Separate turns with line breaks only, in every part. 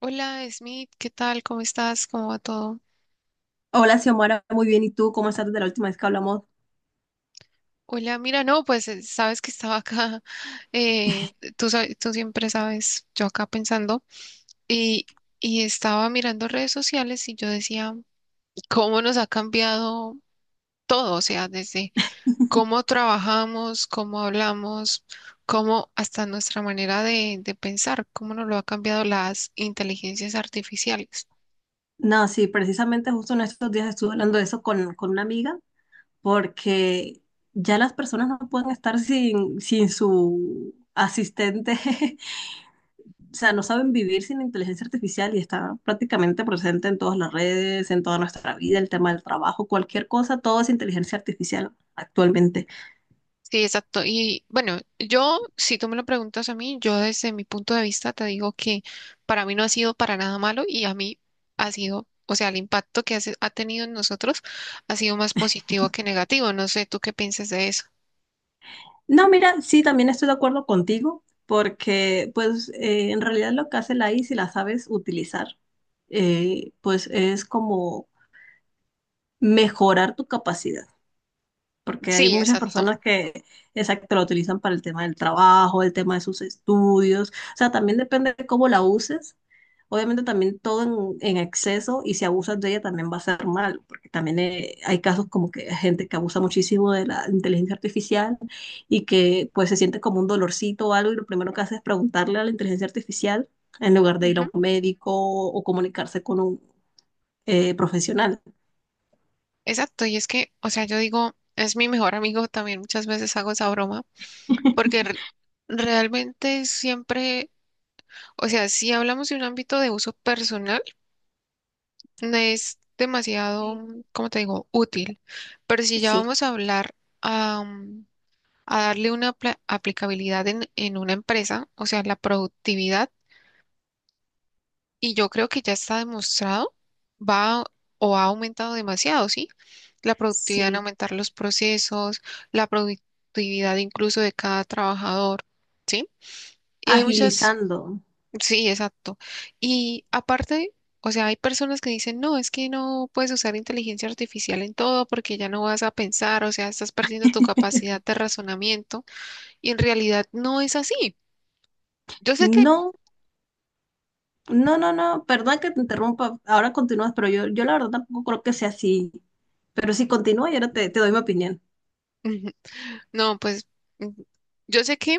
Hola, Smith, ¿qué tal? ¿Cómo estás? ¿Cómo va todo?
Hola, Xiomara, muy bien. ¿Y tú cómo estás desde la última vez que hablamos?
Hola, mira, no, pues sabes que estaba acá, tú, tú siempre sabes, yo acá pensando, y, y estaba mirando redes sociales y yo decía, ¿cómo nos ha cambiado todo? O sea, desde cómo trabajamos, cómo hablamos, cómo hasta nuestra manera de pensar, cómo nos lo ha cambiado las inteligencias artificiales.
No, sí, precisamente justo en estos días estuve hablando de eso con una amiga, porque ya las personas no pueden estar sin su asistente, o sea, no saben vivir sin inteligencia artificial y está prácticamente presente en todas las redes, en toda nuestra vida, el tema del trabajo, cualquier cosa, todo es inteligencia artificial actualmente.
Sí, exacto. Y bueno, yo, si tú me lo preguntas a mí, yo desde mi punto de vista te digo que para mí no ha sido para nada malo y a mí ha sido, o sea, el impacto que ha tenido en nosotros ha sido más positivo que negativo. No sé, ¿tú qué piensas de eso?
No, mira, sí, también estoy de acuerdo contigo, porque en realidad lo que hace la I, A, si la sabes utilizar, pues es como mejorar tu capacidad porque hay
Sí,
muchas
exacto.
personas que, exacto, la utilizan para el tema del trabajo, el tema de sus estudios, o sea, también depende de cómo la uses. Obviamente también todo en exceso y si abusas de ella también va a ser mal, porque también hay casos como que hay gente que abusa muchísimo de la inteligencia artificial y que pues se siente como un dolorcito o algo y lo primero que hace es preguntarle a la inteligencia artificial en lugar de ir
Ujú.
a un médico o comunicarse con un profesional.
Exacto. Y es que, o sea, yo digo, es mi mejor amigo también, muchas veces hago esa broma, porque realmente siempre, o sea, si hablamos de un ámbito de uso personal, no es demasiado,
Sí,
como te digo, útil, pero si ya
sí,
vamos a hablar a, a darle una aplicabilidad en una empresa, o sea, la productividad, y yo creo que ya está demostrado, va o ha aumentado demasiado, ¿sí? La productividad en
sí.
aumentar los procesos, la productividad incluso de cada trabajador, ¿sí? Y hay muchas.
Agilizando.
Sí, exacto. Y aparte, o sea, hay personas que dicen, no, es que no puedes usar inteligencia artificial en todo porque ya no vas a pensar, o sea, estás perdiendo tu capacidad de razonamiento y en realidad no es así. Yo sé que,
No, no, no, no, perdón que te interrumpa, ahora continúas, pero yo la verdad tampoco creo que sea así. Pero si continúa y ahora te doy mi opinión.
no, pues, mm, yo sé que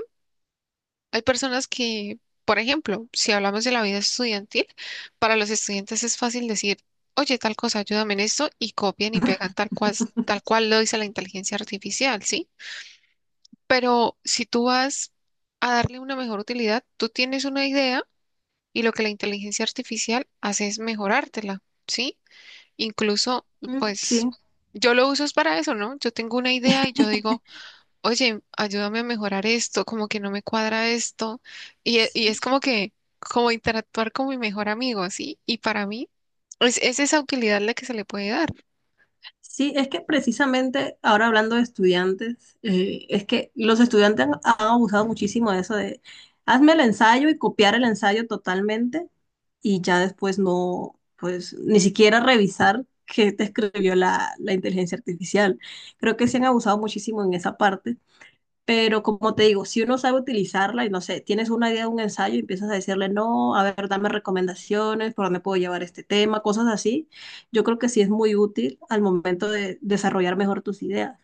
hay personas que, por ejemplo, si hablamos de la vida estudiantil, para los estudiantes es fácil decir, oye, tal cosa, ayúdame en esto y copian y pegan tal cual lo dice la inteligencia artificial, ¿sí? Pero si tú vas a darle una mejor utilidad, tú tienes una idea y lo que la inteligencia artificial hace es mejorártela, ¿sí? Incluso,
Mm,
pues,
sí,
yo lo uso es para eso, ¿no? Yo tengo una idea y yo digo, oye, ayúdame a mejorar esto, como que no me cuadra esto. Y, y es
sí,
como que, como interactuar con mi mejor amigo, ¿sí? Y para mí, es esa utilidad la que se le puede dar.
sí, es que precisamente ahora hablando de estudiantes, es que los estudiantes han abusado muchísimo de eso de hazme el ensayo y copiar el ensayo totalmente y ya después no, pues ni siquiera revisar qué te escribió la inteligencia artificial. Creo que se han abusado muchísimo en esa parte. Pero como te digo, si uno sabe utilizarla y no sé, tienes una idea de un ensayo y empiezas a decirle, no, a ver, dame recomendaciones, por dónde puedo llevar este tema, cosas así, yo creo que sí es muy útil al momento de desarrollar mejor tus ideas.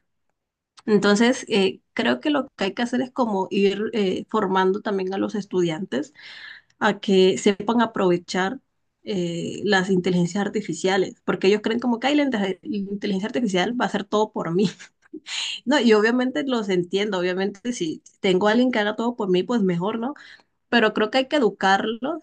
Entonces, creo que lo que hay que hacer es como ir formando también a los estudiantes a que sepan aprovechar las inteligencias artificiales, porque ellos creen como que "Ay, la inteligencia artificial va a hacer todo por mí." No, y obviamente los entiendo, obviamente si tengo a alguien que haga todo por mí, pues mejor, ¿no? Pero creo que hay que educarlos,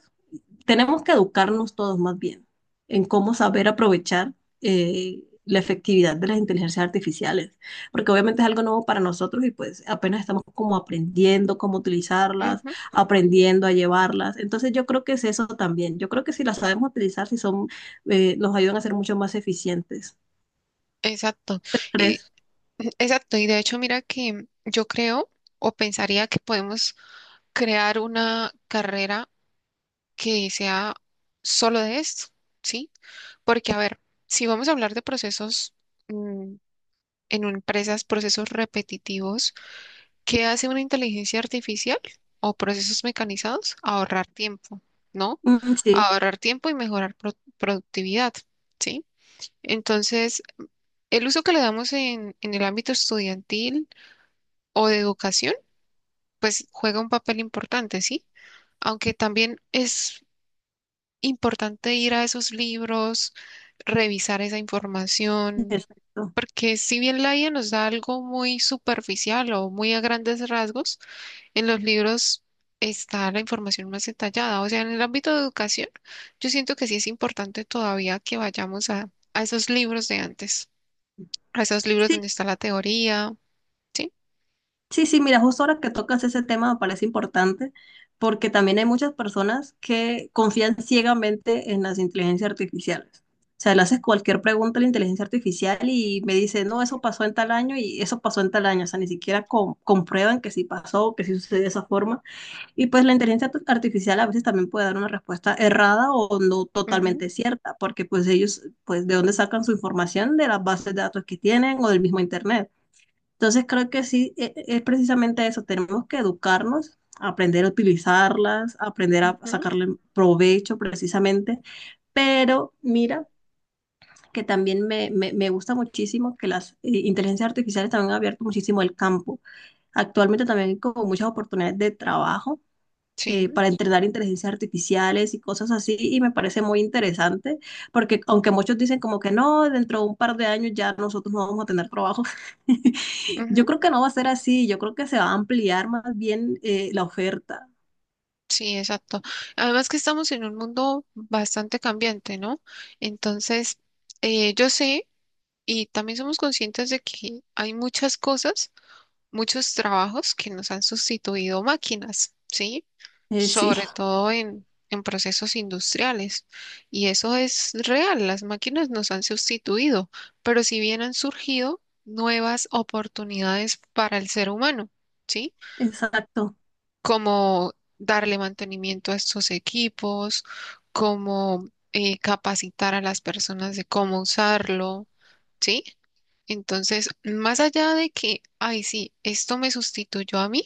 tenemos que educarnos todos más bien en cómo saber aprovechar la efectividad de las inteligencias artificiales, porque obviamente es algo nuevo para nosotros y pues apenas estamos como aprendiendo cómo utilizarlas,
Ujú,
aprendiendo a llevarlas. Entonces yo creo que es eso también, yo creo que si las sabemos utilizar, si son, nos ayudan a ser mucho más eficientes.
exacto.
¿Crees?
Exacto, y de hecho mira que yo creo o pensaría que podemos crear una carrera que sea solo de esto, ¿sí? Porque a ver, si vamos a hablar de procesos mm, en empresas, procesos repetitivos, ¿qué hace una inteligencia artificial o procesos mecanizados? Ahorrar tiempo, ¿no?
Mm, sí,
Ahorrar tiempo y mejorar productividad, ¿sí? Entonces, el uso que le damos en el ámbito estudiantil o de educación, pues juega un papel importante, ¿sí? Aunque también es importante ir a esos libros, revisar esa información,
perfecto.
porque si bien la IA nos da algo muy superficial o muy a grandes rasgos, en los libros está la información más detallada. O sea, en el ámbito de educación, yo siento que sí es importante todavía que vayamos a esos libros de antes, a esos libros donde está la teoría. ¿Sí?
Sí, sí, mira, justo ahora que tocas ese tema me parece importante porque también hay muchas personas que confían ciegamente en las inteligencias artificiales. O sea, le haces cualquier pregunta a la inteligencia artificial y me dice, no, eso pasó en tal año y eso pasó en tal año. O sea, ni siquiera comprueban que sí pasó, que sí sucedió de esa forma. Y pues la artificial a veces también puede dar una respuesta errada o no
Ujú,
totalmente cierta, porque pues ellos, pues, ¿de dónde sacan su información? De las bases de datos que tienen o del mismo internet. Entonces creo que sí, es precisamente eso, tenemos que educarnos, aprender a utilizarlas, aprender a
ujú,
sacarle provecho precisamente, pero mira que también me gusta muchísimo que las inteligencias artificiales también han abierto muchísimo el campo. Actualmente también hay como muchas oportunidades de trabajo
sí,
para entrenar inteligencias artificiales y cosas así, y me parece muy interesante, porque aunque muchos dicen como que no, dentro de un par de años ya nosotros no vamos a tener trabajo, yo
ujú,
creo que no va a ser así, yo creo que se va a ampliar más bien la oferta.
sí, exacto. Además que estamos en un mundo bastante cambiante, ¿no? Entonces, yo sé y también somos conscientes de que hay muchas cosas, muchos trabajos que nos han sustituido máquinas, ¿sí?
Sí,
Sobre todo en procesos industriales. Y eso es real, las máquinas nos han sustituido, pero si bien han surgido nuevas oportunidades para el ser humano, ¿sí?
exacto.
Como darle mantenimiento a estos equipos, como capacitar a las personas de cómo usarlo, ¿sí? Entonces, más allá de que, ay, sí, esto me sustituyó a mí,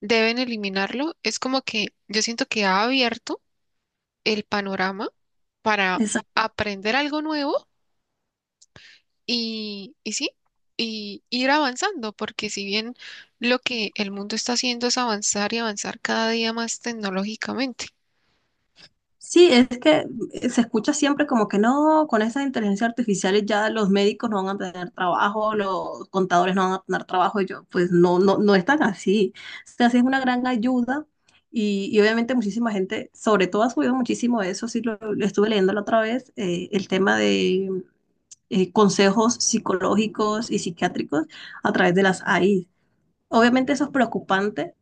deben eliminarlo. Es como que yo siento que ha abierto el panorama para aprender algo nuevo y sí, y ir avanzando, porque si bien lo que el mundo está haciendo es avanzar y avanzar cada día más tecnológicamente.
Sí, es que se escucha siempre como que no, con esas inteligencias artificiales ya los médicos no van a tener trabajo, los contadores no van a tener trabajo, y yo, pues no, no, no es tan así. O sea, sí es una gran ayuda y obviamente muchísima gente, sobre todo ha subido muchísimo eso, sí lo estuve leyendo la otra vez, el tema de consejos psicológicos y psiquiátricos a través de las AI. Obviamente eso es preocupante,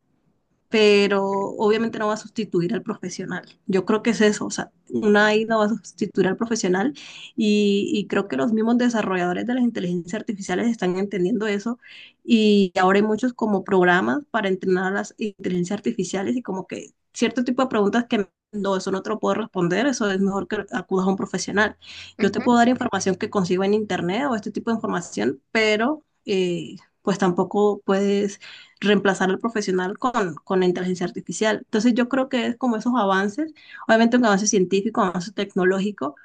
pero obviamente no va a sustituir al profesional. Yo creo que es eso, o sea, una AI no va a sustituir al profesional y creo que los mismos desarrolladores de las inteligencias artificiales están entendiendo eso y ahora hay muchos como programas para entrenar a las inteligencias artificiales y como que cierto tipo de preguntas que no, eso no te lo puedo responder, eso es mejor que acudas a un profesional. Yo te
Ujú,
puedo dar información que consigo en internet o este tipo de información, pero pues tampoco puedes reemplazar al profesional con la inteligencia artificial. Entonces yo creo que es como esos avances, obviamente un avance científico, un avance tecnológico,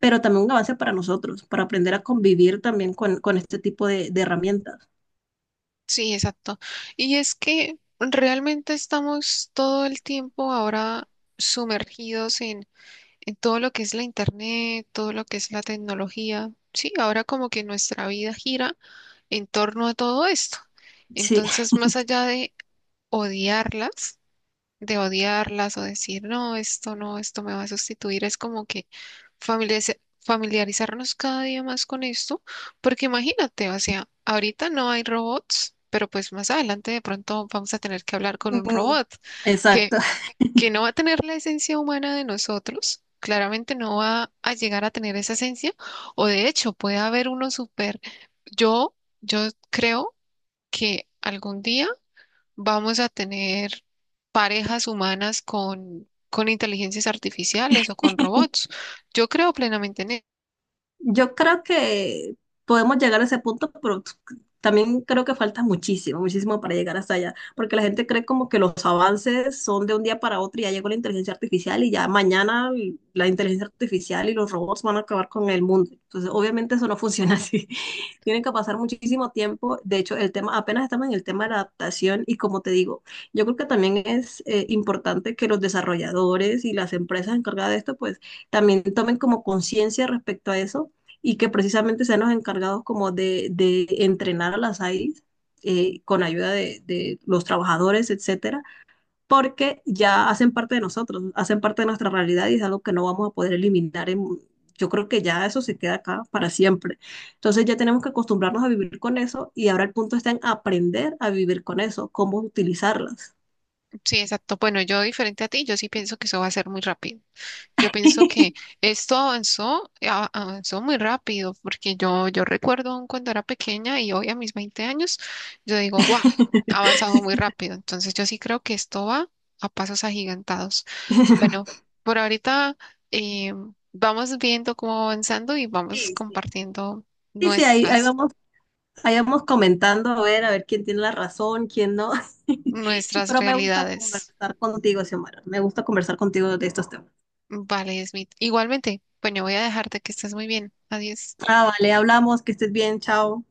pero también un avance para nosotros, para aprender a convivir también con este tipo de herramientas.
sí, exacto. Y es que realmente estamos todo el tiempo ahora sumergidos en todo lo que es la internet, todo lo que es la tecnología. Sí, ahora como que nuestra vida gira en torno a todo esto.
Sí,
Entonces, más allá odiarlas, de odiarlas o decir, no, esto no, esto me va a sustituir, es como que familiarizarnos cada día más con esto, porque imagínate, o sea, ahorita no hay robots, pero pues más adelante de pronto vamos a tener que hablar con un robot que,
exacto.
que no va a tener la esencia humana de nosotros. Claramente no va a llegar a tener esa esencia, o de hecho puede haber uno súper, yo, yo creo que algún día vamos a tener parejas humanas con inteligencias artificiales o con robots. Yo creo plenamente, en-
Yo creo que podemos llegar a ese punto, pero también creo que falta muchísimo, muchísimo para llegar hasta allá, porque la gente cree como que los avances son de un día para otro y ya llegó la inteligencia artificial y ya mañana la inteligencia artificial y los robots van a acabar con el mundo. Entonces, obviamente eso no funciona así. Tienen que pasar muchísimo tiempo. De hecho, el tema, apenas estamos en el tema de la adaptación y como te digo, yo creo que también es importante que los desarrolladores y las empresas encargadas de esto, pues también tomen como conciencia respecto a eso y que precisamente sean los encargados como de entrenar a las AIs con ayuda los trabajadores, etcétera, porque ya hacen parte de nosotros, hacen parte de nuestra realidad y es algo que no vamos a poder eliminar. En, yo creo que ya eso se queda acá para siempre. Entonces ya tenemos que acostumbrarnos a vivir con eso y ahora el punto está en aprender a vivir con eso, cómo utilizarlas.
sí, exacto. Bueno, yo diferente a ti, yo sí pienso que eso va a ser muy rápido. Yo pienso que esto avanzó, avanzó muy rápido, porque yo recuerdo aún cuando era pequeña y hoy a mis 20 años, yo digo, wow, ha avanzado muy rápido. Entonces yo sí creo que esto va a pasos agigantados. Bueno, por ahorita eh, vamos viendo cómo va avanzando y vamos
Sí, sí.
compartiendo
Sí, sí, ahí, ahí
nuestras,
vamos, vayamos comentando a ver quién tiene la razón, quién no.
nuestras
Pero me gusta
realidades.
conversar contigo, Xiomara. Me gusta conversar contigo de estos temas.
Vale, Smith. Igualmente, bueno, voy a dejarte que estés muy bien. Adiós.
Ah, vale, hablamos, que estés bien, chao.